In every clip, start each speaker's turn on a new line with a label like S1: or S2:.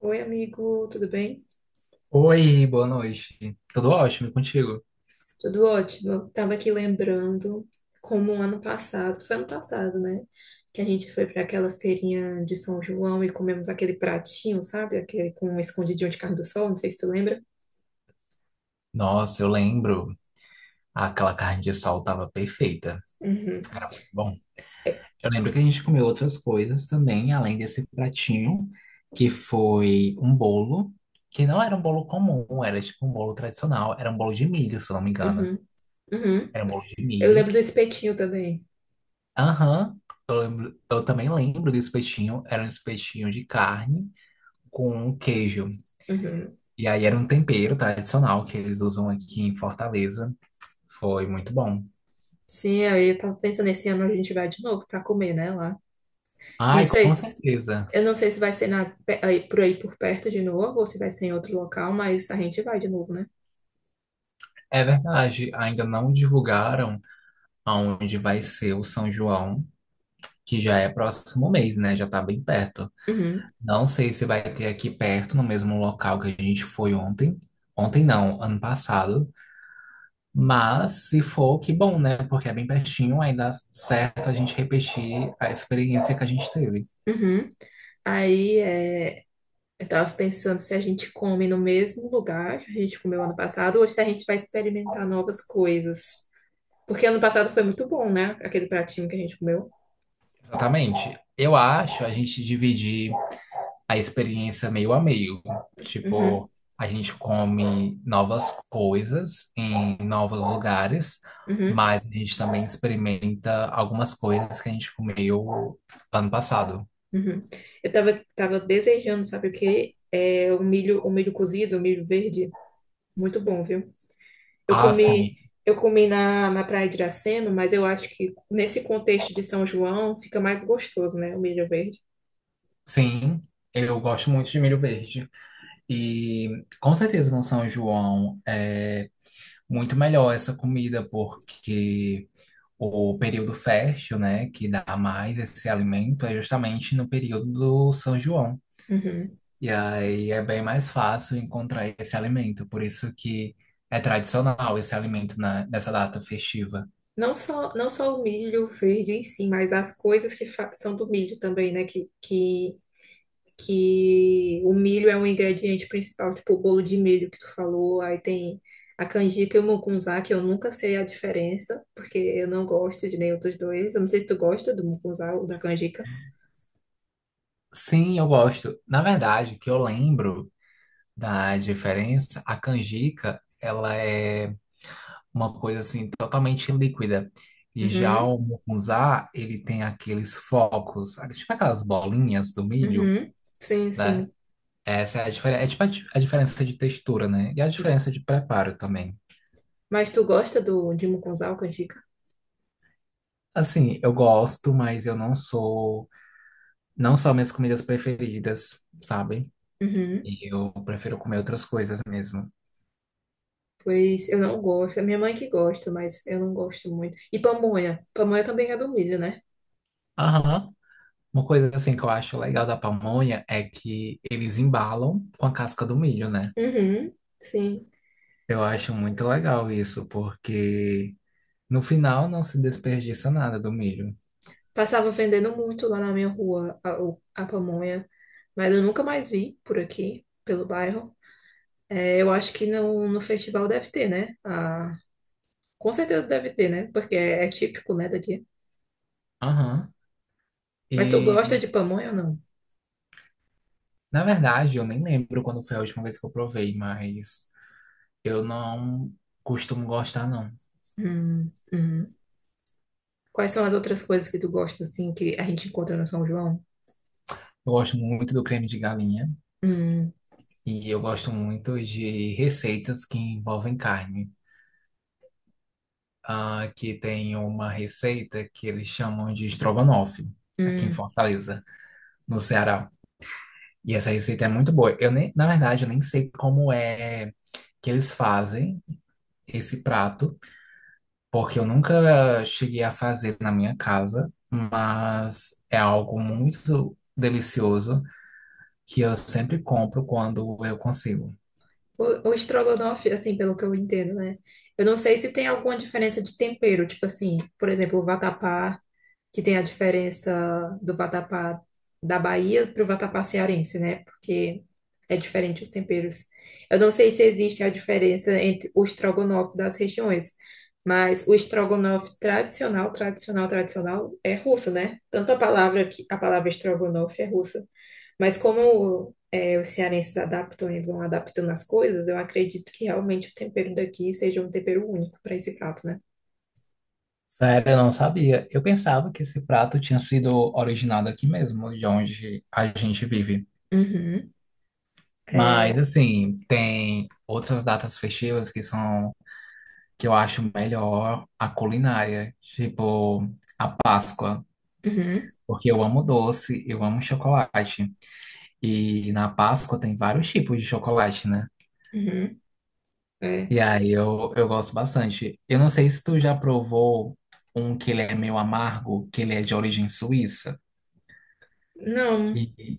S1: Oi, amigo, tudo bem?
S2: Oi, boa noite. Tudo ótimo e contigo?
S1: Tudo ótimo. Tava aqui lembrando como ano passado, foi ano passado, né? Que a gente foi para aquela feirinha de São João e comemos aquele pratinho, sabe? Aquele com um escondidinho de carne do sol, não sei se tu lembra.
S2: Nossa, eu lembro. Aquela carne de sol tava perfeita.
S1: Uhum.
S2: Bom,
S1: É,
S2: eu lembro que a gente comeu outras coisas também, além desse pratinho, que foi um bolo, que não era um bolo comum, era tipo um bolo tradicional, era um bolo de milho, se eu não me engano.
S1: uhum, uhum.
S2: Era um bolo de
S1: Eu lembro
S2: milho.
S1: do espetinho também.
S2: Aham, eu lembro, eu também lembro do espetinho, era um espetinho de carne com queijo.
S1: Uhum.
S2: E aí era um tempero tradicional que eles usam aqui em Fortaleza. Foi muito bom.
S1: Sim, aí eu tava pensando, esse ano a gente vai de novo para comer, né, lá. Eu não
S2: Ai, com
S1: sei,
S2: certeza.
S1: eu não sei se vai ser na, por aí por perto de novo ou se vai ser em outro local, mas a gente vai de novo, né?
S2: É verdade, ainda não divulgaram aonde vai ser o São João, que já é próximo mês, né? Já tá bem perto.
S1: Uhum.
S2: Não sei se vai ter aqui perto, no mesmo local que a gente foi ontem. Ontem não, ano passado. Mas se for, que bom, né? Porque é bem pertinho, ainda dá certo a gente repetir a experiência que a gente teve.
S1: Uhum. Aí é, eu tava pensando se a gente come no mesmo lugar que a gente comeu ano passado ou se a gente vai experimentar novas coisas. Porque ano passado foi muito bom, né? Aquele pratinho que a gente comeu.
S2: Exatamente. Eu acho a gente dividir a experiência meio a meio.
S1: Uhum,
S2: Tipo, a gente come novas coisas em novos lugares,
S1: uhum,
S2: mas a gente também experimenta algumas coisas que a gente comeu ano passado.
S1: uhum. Tava desejando, sabe o quê? O milho cozido, o milho verde. Muito bom, viu? Eu
S2: Ah,
S1: comi,
S2: sim,
S1: eu comi na Praia de Iracema, mas eu acho que nesse contexto de São João fica mais gostoso, né? O milho verde.
S2: sim. Eu gosto muito de milho verde. E com certeza no São João é muito melhor essa comida, porque o período fértil, né, que dá mais esse alimento é justamente no período do São João.
S1: Uhum.
S2: E aí é bem mais fácil encontrar esse alimento, por isso que é tradicional esse alimento nessa data festiva.
S1: Não só o milho verde em si, mas as coisas que são do milho também, né? Que o milho é um ingrediente principal, tipo o bolo de milho que tu falou, aí tem a canjica e o mucunzá, que eu nunca sei a diferença, porque eu não gosto de nenhum dos dois. Eu não sei se tu gosta do mucunzá ou da canjica.
S2: Sim, eu gosto. Na verdade, que eu lembro da diferença, a canjica, ela é uma coisa assim totalmente líquida. E já
S1: Uhum,
S2: o mucunzá, ele tem aqueles focos, tipo aquelas bolinhas do milho,
S1: uhum. Sim,
S2: né?
S1: sim.
S2: Essa é a diferença, é tipo a diferença de textura, né? E a diferença de preparo também.
S1: Mas tu gosta do, de mucunzá ou canjica?
S2: Assim, eu gosto, mas eu não sou. Não são minhas comidas preferidas, sabe?
S1: Uhum.
S2: E eu prefiro comer outras coisas mesmo.
S1: Pois eu não gosto. É minha mãe que gosta, mas eu não gosto muito. E pamonha. Pamonha também é do milho, né?
S2: Aham. Uma coisa assim que eu acho legal da pamonha é que eles embalam com a casca do milho, né?
S1: Uhum, sim.
S2: Eu acho muito legal isso, porque no final não se desperdiça nada do milho.
S1: Passava vendendo muito lá na minha rua a pamonha, mas eu nunca mais vi por aqui, pelo bairro. É, eu acho que no festival deve ter, né? Ah, com certeza deve ter, né? Porque é típico, né, daqui.
S2: Aham.
S1: Mas tu gosta
S2: E,
S1: de pamonha ou não?
S2: na verdade, eu nem lembro quando foi a última vez que eu provei, mas eu não costumo gostar, não.
S1: Uhum. Quais são as outras coisas que tu gosta, assim, que a gente encontra no São João?
S2: Eu gosto muito do creme de galinha.
S1: Hum,
S2: E eu gosto muito de receitas que envolvem carne. Ah, aqui tem uma receita que eles chamam de estrogonofe, aqui em
S1: hum.
S2: Fortaleza, no Ceará. E essa receita é muito boa. Eu nem, na verdade, eu nem sei como é que eles fazem esse prato, porque eu nunca cheguei a fazer na minha casa, mas é algo muito delicioso que eu sempre compro quando eu consigo.
S1: O estrogonofe, assim, pelo que eu entendo, né? Eu não sei se tem alguma diferença de tempero, tipo assim, por exemplo, o vatapá, que tem a diferença do vatapá da Bahia para o vatapá cearense, né? Porque é diferente os temperos. Eu não sei se existe a diferença entre o estrogonofe das regiões, mas o estrogonofe tradicional, tradicional, tradicional é russo, né? Tanto a palavra que a palavra estrogonofe é russa. Mas como é, os cearenses adaptam e vão adaptando as coisas, eu acredito que realmente o tempero daqui seja um tempero único para esse prato, né?
S2: Sério, eu não sabia. Eu pensava que esse prato tinha sido originado aqui mesmo, de onde a gente vive.
S1: Uhum.
S2: Mas,
S1: É.
S2: assim, tem outras datas festivas que são, que eu acho melhor a culinária, tipo a Páscoa,
S1: Uhum.
S2: porque eu amo doce, eu amo chocolate. E na Páscoa tem vários tipos de chocolate, né?
S1: Uhum. É.
S2: E aí eu gosto bastante. Eu não sei se tu já provou um que ele é meio amargo, que ele é de origem suíça.
S1: Não,
S2: E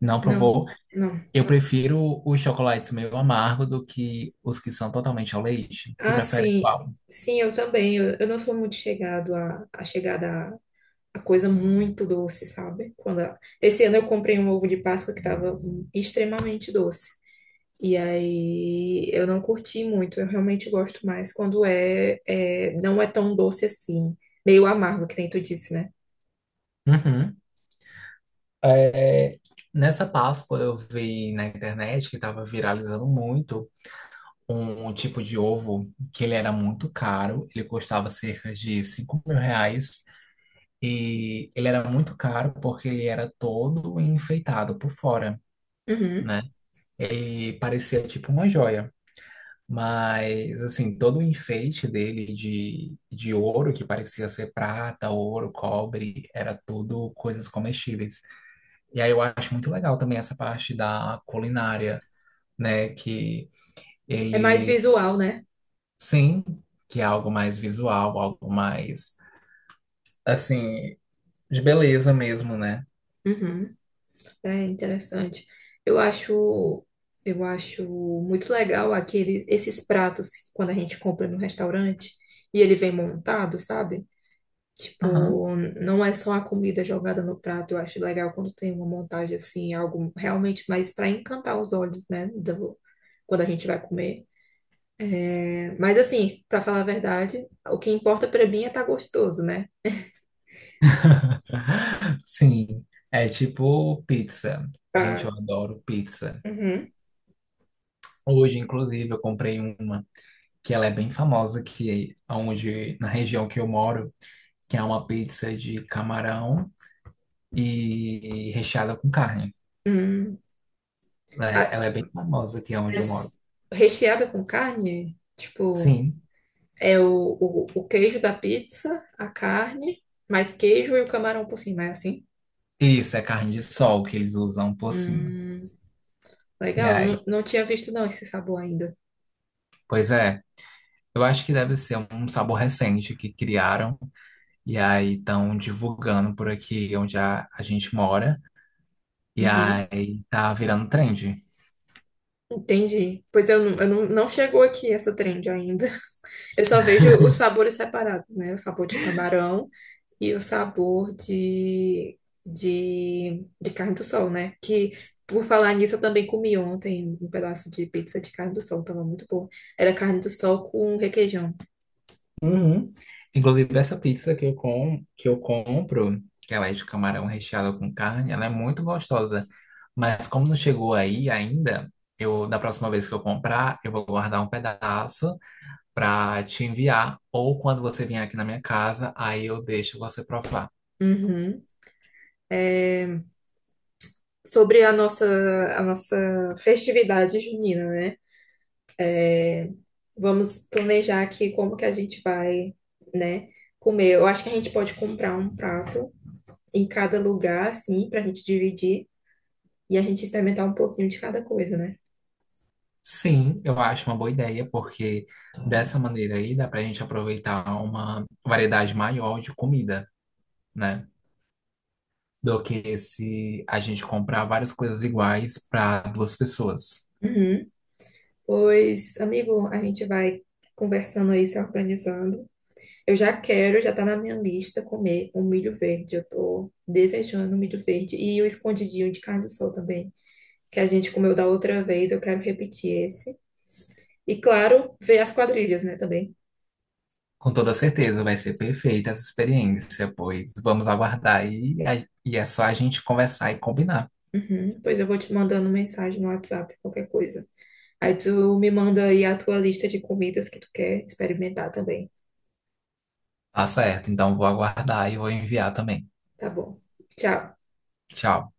S2: não
S1: não,
S2: provou?
S1: não.
S2: Eu prefiro os chocolates meio amargo do que os que são totalmente ao leite. Tu
S1: Ah,
S2: prefere
S1: sim.
S2: qual?
S1: Sim, eu também. Eu não sou muito chegado a coisa muito doce, sabe? Quando esse ano eu comprei um ovo de Páscoa que estava extremamente doce. E aí eu não curti muito, eu realmente gosto mais quando é não é tão doce assim, meio amargo, que nem tu disse, né?
S2: Uhum. É, nessa Páscoa eu vi na internet que estava viralizando muito um tipo de ovo que ele era muito caro. Ele custava cerca de R$ 5.000. E ele era muito caro porque ele era todo enfeitado por fora,
S1: Uhum.
S2: né? Ele parecia tipo uma joia. Mas, assim, todo o enfeite dele de ouro, que parecia ser prata, ouro, cobre, era tudo coisas comestíveis. E aí eu acho muito legal também essa parte da culinária, né? Que
S1: É mais
S2: ele,
S1: visual, né?
S2: sim, que é algo mais visual, algo mais, assim, de beleza mesmo, né?
S1: Uhum. É interessante. Eu acho, eu acho muito legal aquele, esses pratos quando a gente compra no restaurante e ele vem montado, sabe?
S2: Aham.
S1: Tipo, não é só a comida jogada no prato. Eu acho legal quando tem uma montagem assim, algo realmente mais para encantar os olhos, né? Quando a gente vai comer. É, mas assim, para falar a verdade, o que importa para mim é estar gostoso, né?
S2: Sim, é tipo pizza. Gente,
S1: Tá.
S2: eu adoro pizza.
S1: Uhum.
S2: Hoje, inclusive, eu comprei uma que ela é bem famosa, que é onde, na região que eu moro, que é uma pizza de camarão e recheada com carne.
S1: Hum,
S2: Ela é,
S1: a-
S2: ela é bem famosa aqui onde eu moro.
S1: mas recheada com carne, tipo,
S2: Sim,
S1: é o queijo da pizza, a carne, mais queijo e o camarão por cima, é assim?
S2: isso é carne de sol que eles usam por cima.
S1: Hum,
S2: E
S1: legal,
S2: aí,
S1: não, não tinha visto não esse sabor ainda.
S2: pois é, eu acho que deve ser um sabor recente que criaram e aí estão divulgando por aqui onde a gente mora. E
S1: Uhum.
S2: aí tá virando trend.
S1: Entendi. Pois eu não, não chegou aqui essa trend ainda. Eu só vejo os sabores separados, né? O sabor de camarão e o sabor de carne do sol, né? Que, por falar nisso, eu também comi ontem um pedaço de pizza de carne do sol. Tava muito bom. Era carne do sol com requeijão.
S2: Uhum. Inclusive, essa pizza que eu compro, que ela é de camarão recheado com carne, ela é muito gostosa. Mas como não chegou aí ainda, eu da próxima vez que eu comprar, eu vou guardar um pedaço para te enviar. Ou quando você vier aqui na minha casa, aí eu deixo você provar.
S1: Uhum. Sobre a nossa, a nossa festividade junina, né? Vamos planejar aqui como que a gente vai, né, comer. Eu acho que a gente pode comprar um prato em cada lugar, assim, pra gente dividir e a gente experimentar um pouquinho de cada coisa, né?
S2: Sim, eu acho uma boa ideia, porque dessa maneira aí dá pra gente aproveitar uma variedade maior de comida, né? Do que se a gente comprar várias coisas iguais para 2 pessoas.
S1: Uhum. Pois, amigo, a gente vai conversando aí, se organizando. Já tá na minha lista comer um milho verde. Eu tô desejando um milho verde e o escondidinho de carne do sol também, que a gente comeu da outra vez. Eu quero repetir esse. E claro, ver as quadrilhas, né, também.
S2: Com toda certeza vai ser perfeita essa experiência, pois vamos aguardar e, e é só a gente conversar e combinar.
S1: Uhum. Pois eu vou te mandando mensagem no WhatsApp, qualquer coisa. Aí tu me manda aí a tua lista de comidas que tu quer experimentar também.
S2: Tá certo, então vou aguardar e vou enviar também.
S1: Tá bom. Tchau.
S2: Tchau.